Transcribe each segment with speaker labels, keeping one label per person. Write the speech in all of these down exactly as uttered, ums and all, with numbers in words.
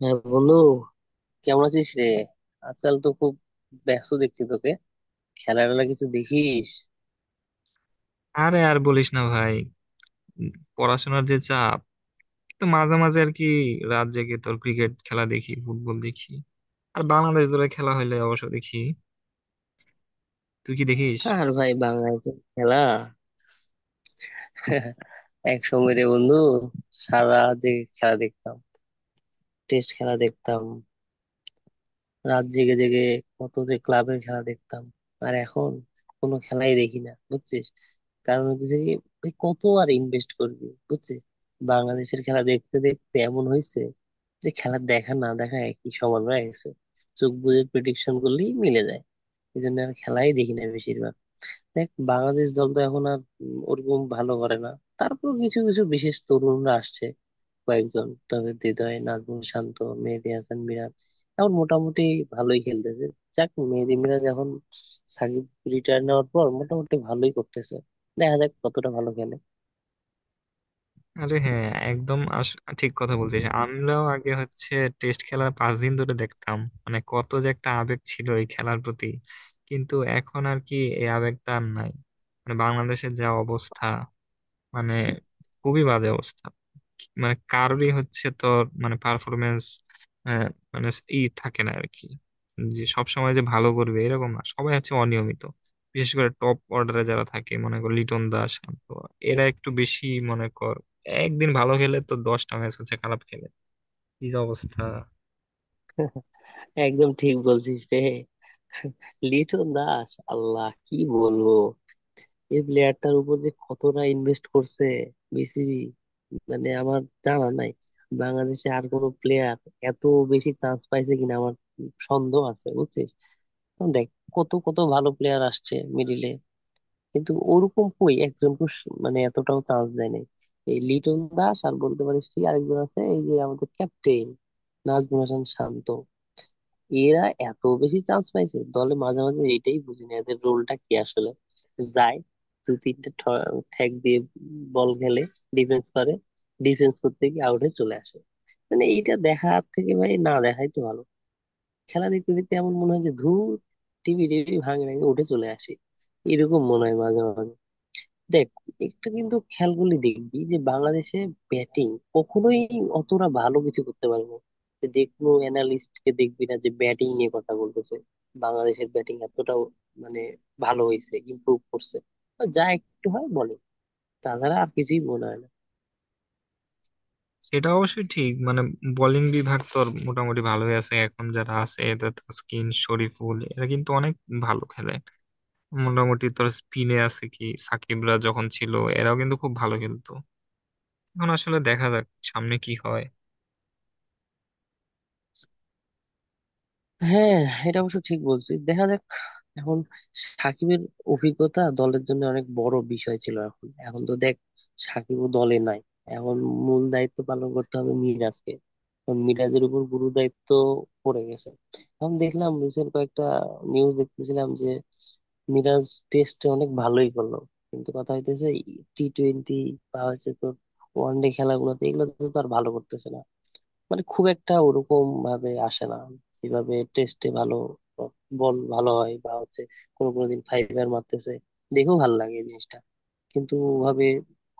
Speaker 1: হ্যাঁ বন্ধু, কেমন আছিস রে? আজকাল তো খুব ব্যস্ত দেখছি তোকে। খেলা টেলা কিছু দেখিস?
Speaker 2: আরে আর বলিস না ভাই, উম, পড়াশোনার যে চাপ, তো মাঝে মাঝে আর কি রাত জেগে তোর ক্রিকেট খেলা দেখি, ফুটবল দেখি। আর বাংলাদেশ দলের খেলা হইলে অবশ্য দেখি। তুই কি দেখিস?
Speaker 1: আর ভাই, বাংলায় তো খেলা এক সময় রে বন্ধু, সারা রাত জেগে খেলা দেখতাম, টেস্ট খেলা দেখতাম, রাত জেগে জেগে কত যে ক্লাবের খেলা দেখতাম। আর এখন কোনো খেলাই দেখি না, বুঝছিস। কারণ হচ্ছে কি, ওই কত আর ইনভেস্ট করবি বুঝছিস। বাংলাদেশের খেলা দেখতে দেখতে এমন হয়েছে যে খেলা দেখা না দেখা একই সমান হয়ে গেছে, চোখ বুজে প্রেডিকশন করলেই মিলে যায়। এই জন্য আর খেলাই দেখি না বেশিরভাগ। দেখ, বাংলাদেশ দল তো এখন আর উম, ওরকম ভালো করে না। তারপর কিছু কিছু বিশেষ তরুণরা আসছে কয়েকজন, তবে হৃদয়, নাজমুল শান্ত, মেহেদী হাসান মিরাজ এখন মোটামুটি ভালোই খেলতেছে। যাক, মেহেদী মিরাজ এখন সাকিব রিটায়ার নেওয়ার পর মোটামুটি ভালোই করতেছে, দেখা যাক কতটা ভালো খেলে।
Speaker 2: আরে হ্যাঁ, একদম আস- ঠিক কথা বলছিস। আমরাও আগে হচ্ছে টেস্ট খেলার পাঁচ দিন ধরে দেখতাম। মানে কত যে একটা আবেগ ছিল এই খেলার প্রতি, কিন্তু এখন আর কি এই আবেগটা আর নাই। মানে বাংলাদেশের যা অবস্থা, মানে খুবই বাজে অবস্থা। মানে কারোরই হচ্ছে তোর মানে পারফরমেন্স মানে ই থাকে না আর কি। যে সবসময় যে ভালো করবে এরকম না, সবাই হচ্ছে অনিয়মিত। বিশেষ করে টপ অর্ডারে যারা থাকে, মনে কর লিটন দাস, শান্ত, এরা একটু বেশি। মনে কর একদিন ভালো খেলে তো দশটা ম্যাচ হচ্ছে খারাপ খেলে। কি যে অবস্থা!
Speaker 1: একদম ঠিক বলছিস রে। লিটন দাস, আল্লাহ কি বলবো, এই প্লেয়ারটার উপর যে কতটা ইনভেস্ট করছে বিসিবি, মানে আমার জানা নাই বাংলাদেশে আর কোনো প্লেয়ার এত বেশি চান্স পাইছে কিনা, আমার সন্দেহ আছে, বুঝছিস। এখন দেখ, কত কত ভালো প্লেয়ার আসছে মিডিলে, কিন্তু ওরকম কই, একজনকে স- মানে এতটাও চান্স দেয় নাই এই লিটন দাস আর বলতে পারিস কি আরেকজন আছে, এই যে আমাদের ক্যাপ্টেন নাজমুল হাসান শান্ত। এরা এত বেশি চান্স পাইছে দলে, মাঝে মাঝে এটাই বুঝি না এদের রোলটা কি আসলে। যায় দুই তিনটা ঠ্যাক দিয়ে বল খেলে, ডিফেন্স করে, ডিফেন্স করতে গিয়ে আউট হয়ে চলে আসে। মানে এইটা দেখার থেকে ভাই না দেখাই তো ভালো। খেলা দেখতে দেখতে এমন মনে হয় যে ধুর, টিভি টিভি ভাঙে নাকি উঠে চলে আসি, এরকম মনে হয় মাঝে মাঝে। দেখ, একটা কিন্তু খেয়াল করলে দেখবি যে বাংলাদেশে ব্যাটিং কখনোই অতটা ভালো কিছু করতে পারবে না। তুই যে কোনো অ্যানালিস্ট কে দেখবি না যে ব্যাটিং নিয়ে কথা বলতেছে, বাংলাদেশের ব্যাটিং এতটাও মানে ভালো হয়েছে, ইমপ্রুভ করছে বা যা একটু হয় বলে, তাছাড়া আর কিছুই মনে হয় না।
Speaker 2: সেটা অবশ্যই ঠিক। মানে বোলিং বিভাগ তো মোটামুটি ভালোই আছে, এখন যারা আছে এদের তাসকিন, শরীফুল এরা কিন্তু অনেক ভালো খেলে। মোটামুটি তোর স্পিনে আছে কি, সাকিবরা যখন ছিল, এরাও কিন্তু খুব ভালো খেলতো। এখন আসলে দেখা যাক সামনে কি হয়।
Speaker 1: হ্যাঁ, এটা অবশ্য ঠিক বলছিস, দেখা যাক। এখন সাকিবের অভিজ্ঞতা দলের জন্য অনেক বড় বিষয় ছিল, এখন এখন তো দেখ সাকিবও দলে নাই। এখন মূল দায়িত্ব পালন করতে হবে মিরাজকে, এখন মিরাজের উপর গুরু দায়িত্ব পড়ে গেছে। এখন দেখলাম রিসেন্ট কয়েকটা নিউজ দেখতেছিলাম যে মিরাজ টেস্টে অনেক ভালোই করলো, কিন্তু কথা হইতেছে টি টোয়েন্টি বা হচ্ছে তোর ওয়ান ডে খেলাগুলোতে, এগুলোতে তো আর ভালো করতেছে না। মানে খুব একটা ওরকম ভাবে আসে না যেভাবে টেস্টে ভালো বল ভালো হয় বা হচ্ছে কোনো কোনো দিন ফাইবার মারতেছে, দেখেও ভালো লাগে এই জিনিসটা, কিন্তু ভাবে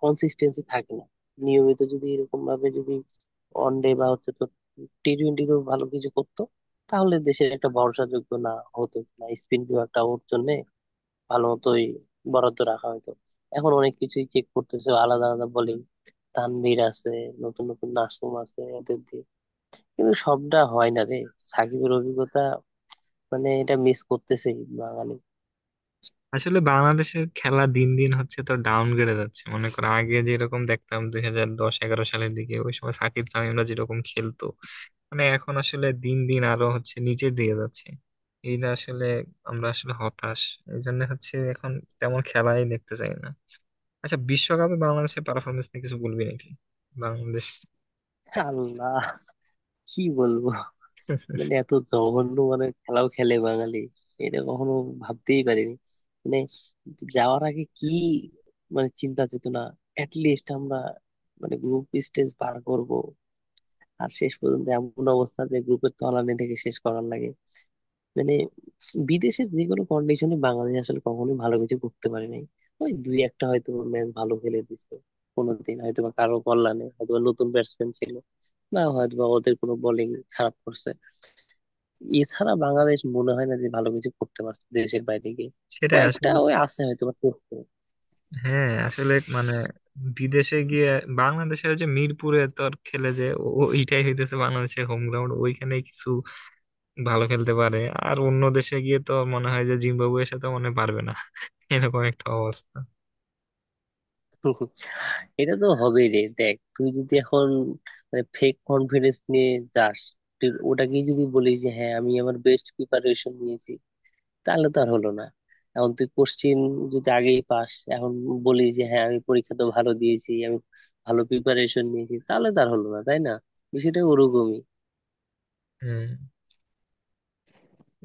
Speaker 1: কনসিস্টেন্সি থাকে না। নিয়মিত যদি এরকম ভাবে যদি ওয়ান ডে বা হচ্ছে তো টি টোয়েন্টিতেও ভালো কিছু করতো, তাহলে দেশের একটা ভরসাযোগ্য না হতো না, স্পিন বিভাগটা ওর জন্য ভালো মতোই বরাদ্দ রাখা হতো। এখন অনেক কিছুই চেক করতেছে, আলাদা আলাদা বলিং, তানভীর আছে, নতুন নতুন নাসুম আছে, কিন্তু সবটা হয় না রে। সাকিবের অভিজ্ঞতা মানে এটা মিস করতেছে বাঙালি।
Speaker 2: আসলে বাংলাদেশের খেলা দিন দিন হচ্ছে তো ডাউনগ্রেডে যাচ্ছে। মনে করো আগে যেরকম দেখতাম দুই হাজার দশ এগারো সালের দিকে, ওই সময় সাকিব তামিমরা যেরকম খেলতো, মানে এখন আসলে দিন দিন আরো হচ্ছে নিচের দিকে যাচ্ছে। এইটা আসলে আমরা আসলে হতাশ। এই জন্য হচ্ছে এখন তেমন খেলাই দেখতে চাই না। আচ্ছা, বিশ্বকাপে বাংলাদেশের পারফরমেন্স নিয়ে কিছু বলবি নাকি? বাংলাদেশ
Speaker 1: আল্লাহ কি বলবো, মানে এত জঘন্য মানে খেলাও খেলে বাঙালি, এটা কখনো ভাবতেই পারিনি। মানে যাওয়ার আগে কি, মানে চিন্তা চেতনা লিস্ট আমরা মানে গ্রুপ স্টেজ পার করব, আর শেষ পর্যন্ত এমন অবস্থা যে গ্রুপের তলানি থেকে শেষ করার লাগে। মানে বিদেশের যে কোনো কন্ডিশনে বাংলাদেশ আসলে কখনোই ভালো কিছু করতে পারে নাই। ওই দুই একটা হয়তো ম্যাচ ভালো খেলে দিছে কোনোদিন, হয়তো বা কারো কল্যাণে, হয়তো বা নতুন ব্যাটসম্যান ছিল, না হয়তো বা ওদের কোনো বোলিং খারাপ করছে। এছাড়া বাংলাদেশ মনে হয় না যে ভালো কিছু করতে পারছে দেশের বাইরে গিয়ে।
Speaker 2: সেটাই
Speaker 1: কয়েকটা
Speaker 2: আসলে।
Speaker 1: ওই আছে হয়তো বা করছে।
Speaker 2: হ্যাঁ আসলে মানে বিদেশে গিয়ে বাংলাদেশের যে মিরপুরে তো আর খেলে, যে ও- ও- ওইটাই হইতেছে বাংলাদেশের হোম গ্রাউন্ড, ওইখানে কিছু ভালো খেলতে পারে। আর অন্য দেশে গিয়ে তো মনে হয় যে জিম্বাবুয়ের সাথে মনে হয় পারবে না এরকম একটা অবস্থা।
Speaker 1: এটা তো হবেই রে। দেখ, তুই যদি এখন মানে ফেক কনফিডেন্স নিয়ে যাস, তুই ওটাকেই যদি বলিস যে হ্যাঁ আমি আমার বেস্ট প্রিপারেশন নিয়েছি, তাহলে তো আর হলো না। এখন তুই কোশ্চিন যদি আগেই পাস, এখন বলি যে হ্যাঁ আমি পরীক্ষা তো ভালো দিয়েছি, আমি ভালো প্রিপারেশন নিয়েছি, তাহলে তার হলো না তাই না, বিষয়টা ওরকমই।
Speaker 2: হম।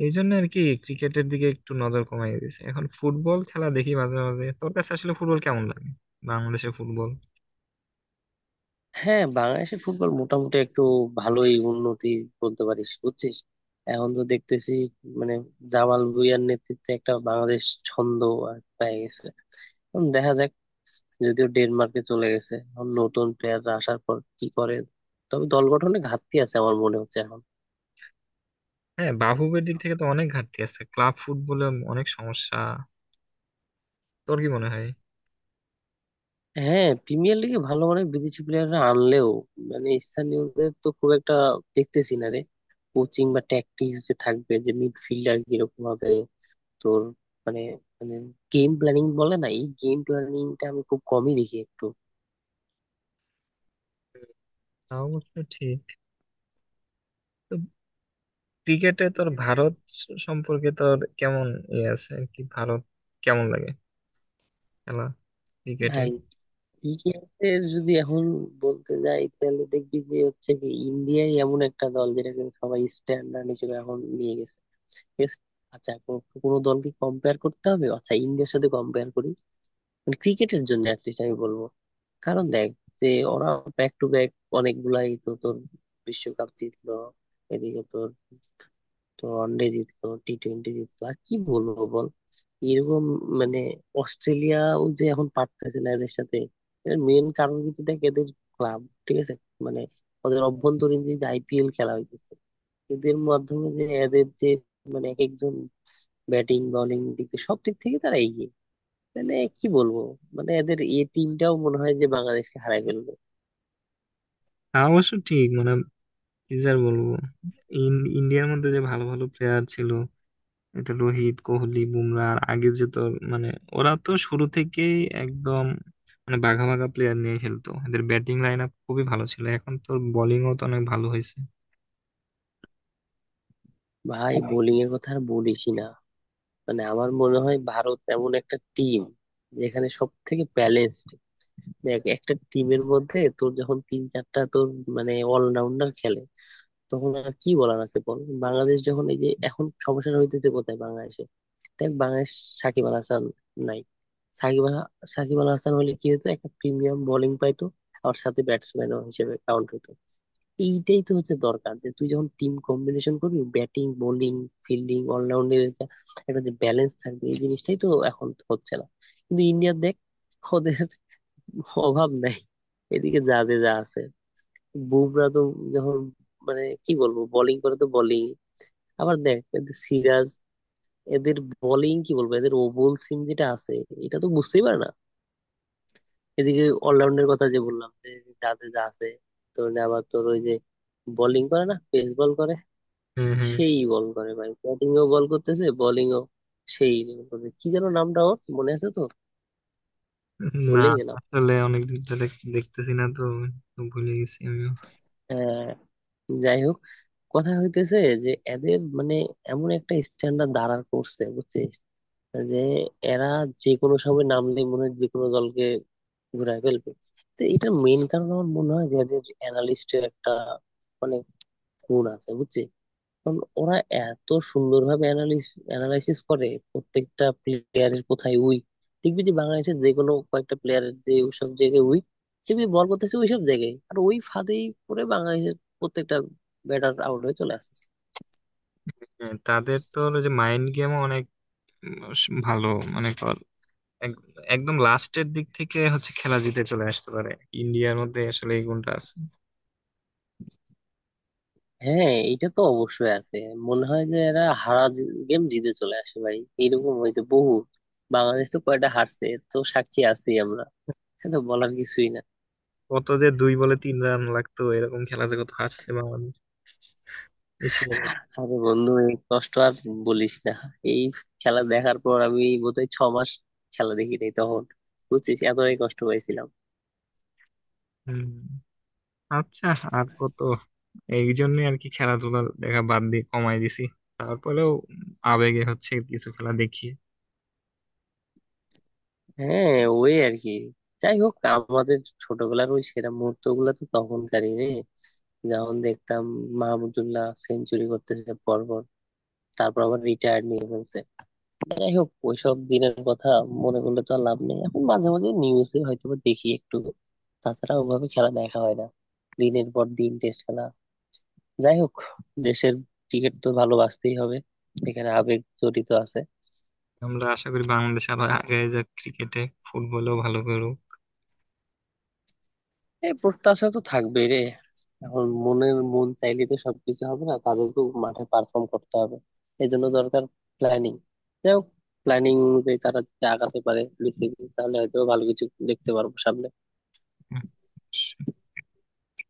Speaker 2: এই জন্য আর কি ক্রিকেটের দিকে একটু নজর কমাই দিয়েছে, এখন ফুটবল খেলা দেখি মাঝে মাঝে। তোর কাছে আসলে ফুটবল কেমন লাগে? বাংলাদেশের ফুটবল।
Speaker 1: হ্যাঁ, বাংলাদেশের ফুটবল মোটামুটি একটু ভালোই উন্নতি বলতে পারিস, বুঝছিস। এখন তো দেখতেছি মানে জামাল ভুঁইয়ার নেতৃত্বে একটা বাংলাদেশ ছন্দ আর পেয়ে গেছে। এখন দেখা যাক, যদিও ডেনমার্কে চলে গেছে, এখন নতুন প্লেয়াররা আসার পর কি করে, তবে দল গঠনে ঘাটতি আছে আমার মনে হচ্ছে এখন।
Speaker 2: হ্যাঁ, বাফুফের দিক থেকে তো অনেক ঘাটতি আছে, ক্লাব ফুটবলে অনেক সমস্যা। তোর কি মনে হয়?
Speaker 1: হ্যাঁ, প্রিমিয়ার লিগে ভালো অনেক বিদেশি প্লেয়াররা আনলেও মানে স্থানীয়দের তো খুব একটা দেখতেছি না রে। কোচিং বা ট্যাকটিক্স যে থাকবে, যে মিডফিল্ডার কিরকম হবে তোর, মানে মানে গেম প্ল্যানিং বলে না, এই গেম প্ল্যানিংটা আমি খুব কমই দেখি একটু।
Speaker 2: তাও অবশ্য ঠিক। তো ক্রিকেটে তোর ভারত স- সম্পর্কে তোর কেমন ইয়ে আছে আর কি? ভারত কেমন লাগে খেলা ক্রিকেটে?
Speaker 1: ভাই, ক্রিকেটে যদি এখন বলতে যাই তাহলে দেখবি যে হচ্ছে কি, ইন্ডিয়াই এমন একটা দল যেটাকে সবাই স্ট্যান্ডার্ড হিসেবে এখন নিয়ে গেছে, ঠিক আছে? আচ্ছা, কোনো কোনো দলকে কম্পেয়ার করতে হবে, আচ্ছা ইন্ডিয়ার সাথে কম্পেয়ার করি ক্রিকেটের জন্য অ্যাটলিস্ট, আমি বলবো। কারণ দেখ, যে ওরা ব্যাক টু ব্যাক অনেকগুলাই তো তোর বিশ্বকাপ জিতলো, এদিকে তোর তো ওয়ানডে জিতলো, টি টোয়েন্টি জিতলো, আর কি বলবো বল, এরকম মানে অস্ট্রেলিয়াও যে এখন পারতেছে না এদের সাথে। এর মেন কারণ কিন্তু দেখ, এদের ক্লাব, ঠিক আছে, মানে ওদের অভ্যন্তরীণ যে আইপিএল খেলা হইতেছে, এদের মাধ্যমে যে এদের যে মানে এক একজন ব্যাটিং বোলিং দিক থেকে, সব দিক থেকে তারা এগিয়ে। মানে কি বলবো, মানে এদের এ টিমটাও মনে হয় যে বাংলাদেশকে হারাই ফেলবে।
Speaker 2: হ্যাঁ, অবশ্য ঠিক। মানে কি যে আর বলবো, ইন- ইন্ডিয়ার মধ্যে যে ভালো ভালো প্লেয়ার ছিল, এটা রোহিত, কোহলি, বুমরা। আর আগে যে তোর মানে ওরা তো শুরু থেকেই একদম মানে বাঘা বাঘা প্লেয়ার নিয়ে খেলতো, এদের ব্যাটিং লাইন আপ খুবই ভালো ছিল। এখন তোর বোলিংও তো অনেক ভালো হয়েছে।
Speaker 1: ভাই বোলিং এর কথা আর বলিসই না, মানে আমার মনে হয় ভারত এমন একটা টিম যেখানে সব থেকে ব্যালেন্সড। দেখ একটা টিমের মধ্যে তোর যখন তিন চারটা তোর মানে অলরাউন্ডার খেলে, তখন আর কি বলার আছে বল। বাংলাদেশ যখন, এই যে এখন সমস্যাটা হইতেছে কোথায় বাংলাদেশে, দেখ বাংলাদেশ সাকিব আল হাসান নাই। সাকিব আল সাকিব আল হাসান হলে কি হতো, একটা প্রিমিয়াম বোলিং পাইতো, আর সাথে ব্যাটসম্যানও হিসেবে কাউন্ট হতো। এইটাই তো হচ্ছে দরকার যে তুই যখন টিম কম্বিনেশন করবি, ব্যাটিং বোলিং ফিল্ডিং অলরাউন্ডের একটা যে ব্যালেন্স থাকবে, এই জিনিসটাই তো এখন হচ্ছে না। কিন্তু ইন্ডিয়া দেখ, ওদের অভাব নাই, এদিকে যাদের যা আছে। বুমরা তো যখন মানে কি বলবো, বোলিং করে তো বোলিং। আবার দেখ এদের সিরাজ, এদের বোলিং কি বলবো, এদের ওভাল সিম যেটা আছে, এটা তো বুঝতেই পারে না। এদিকে অলরাউন্ডের কথা যে বললাম যে যাদের যা আছে, তো আবার তোর ওই যে বোলিং করে না পেস বল করে,
Speaker 2: হ্যাঁ, হ্যাঁ।
Speaker 1: সেই বল করে ভাই, ব্যাটিং ও বল করতেছে বোলিং ও, সেই বল করে, কি যেন নামটা, ওর মনে আছে তো,
Speaker 2: না,
Speaker 1: ভুলে গেলাম।
Speaker 2: আসলে অনেকদিন ধরে দেখতেছি না তো, তো ভুলে গেছি আমি।
Speaker 1: আহ, যাই হোক, কথা হইতেছে যে এদের মানে এমন একটা স্ট্যান্ডার্ড দাঁড়ার করছে বুঝছিস, যে এরা যে কোনো সময় নামলে মনে হয় যে কোনো দলকে ঘুরায় ফেলবে। তো এটা মেইন কারণ, আমার মনে হয় যে এদের অ্যানালিস্টের একটা অনেক গুণ আছে, বুঝছিস। কারণ ওরা এত সুন্দরভাবে অ্যানালিস অ্যানালাইসিস করে প্রত্যেকটা প্লেয়ারের কোথায় উইক, দেখবি যে বাংলাদেশের যে কোনো কয়েকটা প্লেয়ারের যে সব জায়গায় উইক, দেখবি বল করতেছে ওই সব জায়গায়, আর ওই ফাঁদেই পড়ে বাংলাদেশের প্রত্যেকটা ব্যাটার আউট হয়ে চলে আসছে।
Speaker 2: হ্যাঁ, তাদের তো হলো যে মাইন্ড গেমও অনেক উম, স- ভালো। মনে কর এক- একদম লাস্টের দিক থেকে হচ্ছে খেলা জিতে চলে আসতে পারে। ইন্ডিয়ার মধ্যে আসলে এই গুণটা আছে।
Speaker 1: হ্যাঁ, এটা তো অবশ্যই আছে, মনে হয় যে এরা হারা গেম জিতে চলে আসে ভাই, এরকম হয়েছে বহু। বাংলাদেশ তো কয়টা হারছে এর তো সাক্ষী আছি আমরা, এটা তো বলার কিছুই না।
Speaker 2: কত যে দুই বলে তিন রান লাগতো, এরকম খেলা যে কত হারছে বাংলাদেশ এশিয়া কাপে।
Speaker 1: আরে বন্ধু, এই কষ্ট আর বলিস না। এই খেলা দেখার পর আমি বোধহয় ছ মাস খেলা দেখি নাই তখন, বুঝছিস, এতটাই কষ্ট পাইছিলাম।
Speaker 2: হুম। আচ্ছা, আর কত! এই জন্য আর কি খেলাধুলা দেখা বাদ দিয়ে কমাই দিছি। তারপরেও আবেগে হচ্ছে কিছু খেলা দেখি।
Speaker 1: হ্যাঁ, ওই আর কি। যাই হোক, আমাদের ছোটবেলার ওই সেরা মুহূর্ত গুলো তো তখনকারই রে, যখন দেখতাম মাহমুদুল্লাহ সেঞ্চুরি করতেছে পর পর, তারপর আবার রিটায়ার্ড নিয়ে ফেলছে। যাই হোক, ওইসব দিনের কথা মনে করলে তো আর লাভ নেই। এখন মাঝে মাঝে নিউজে হয়তো বা দেখি একটু, তাছাড়া ওভাবে খেলা দেখা হয় না, দিনের পর দিন টেস্ট খেলা। যাই হোক, দেশের ক্রিকেট তো ভালোবাসতেই হবে, এখানে আবেগ জড়িত আছে।
Speaker 2: আমরা আশা করি বাংলাদেশ আরো আগে যাক ক্রিকেটে, ফুটবলেও ভালো করুক।
Speaker 1: এই প্রত্যাশা তো থাকবেই রে। এখন মনের মন চাইলে তো সবকিছু হবে না, তাদেরকেও মাঠে পারফর্ম করতে হবে, এই জন্য দরকার প্ল্যানিং। যাই হোক, প্ল্যানিং অনুযায়ী তারা যদি আগাতে পারে বিসিবি, তাহলে হয়তো ভালো কিছু দেখতে পারবো সামনে।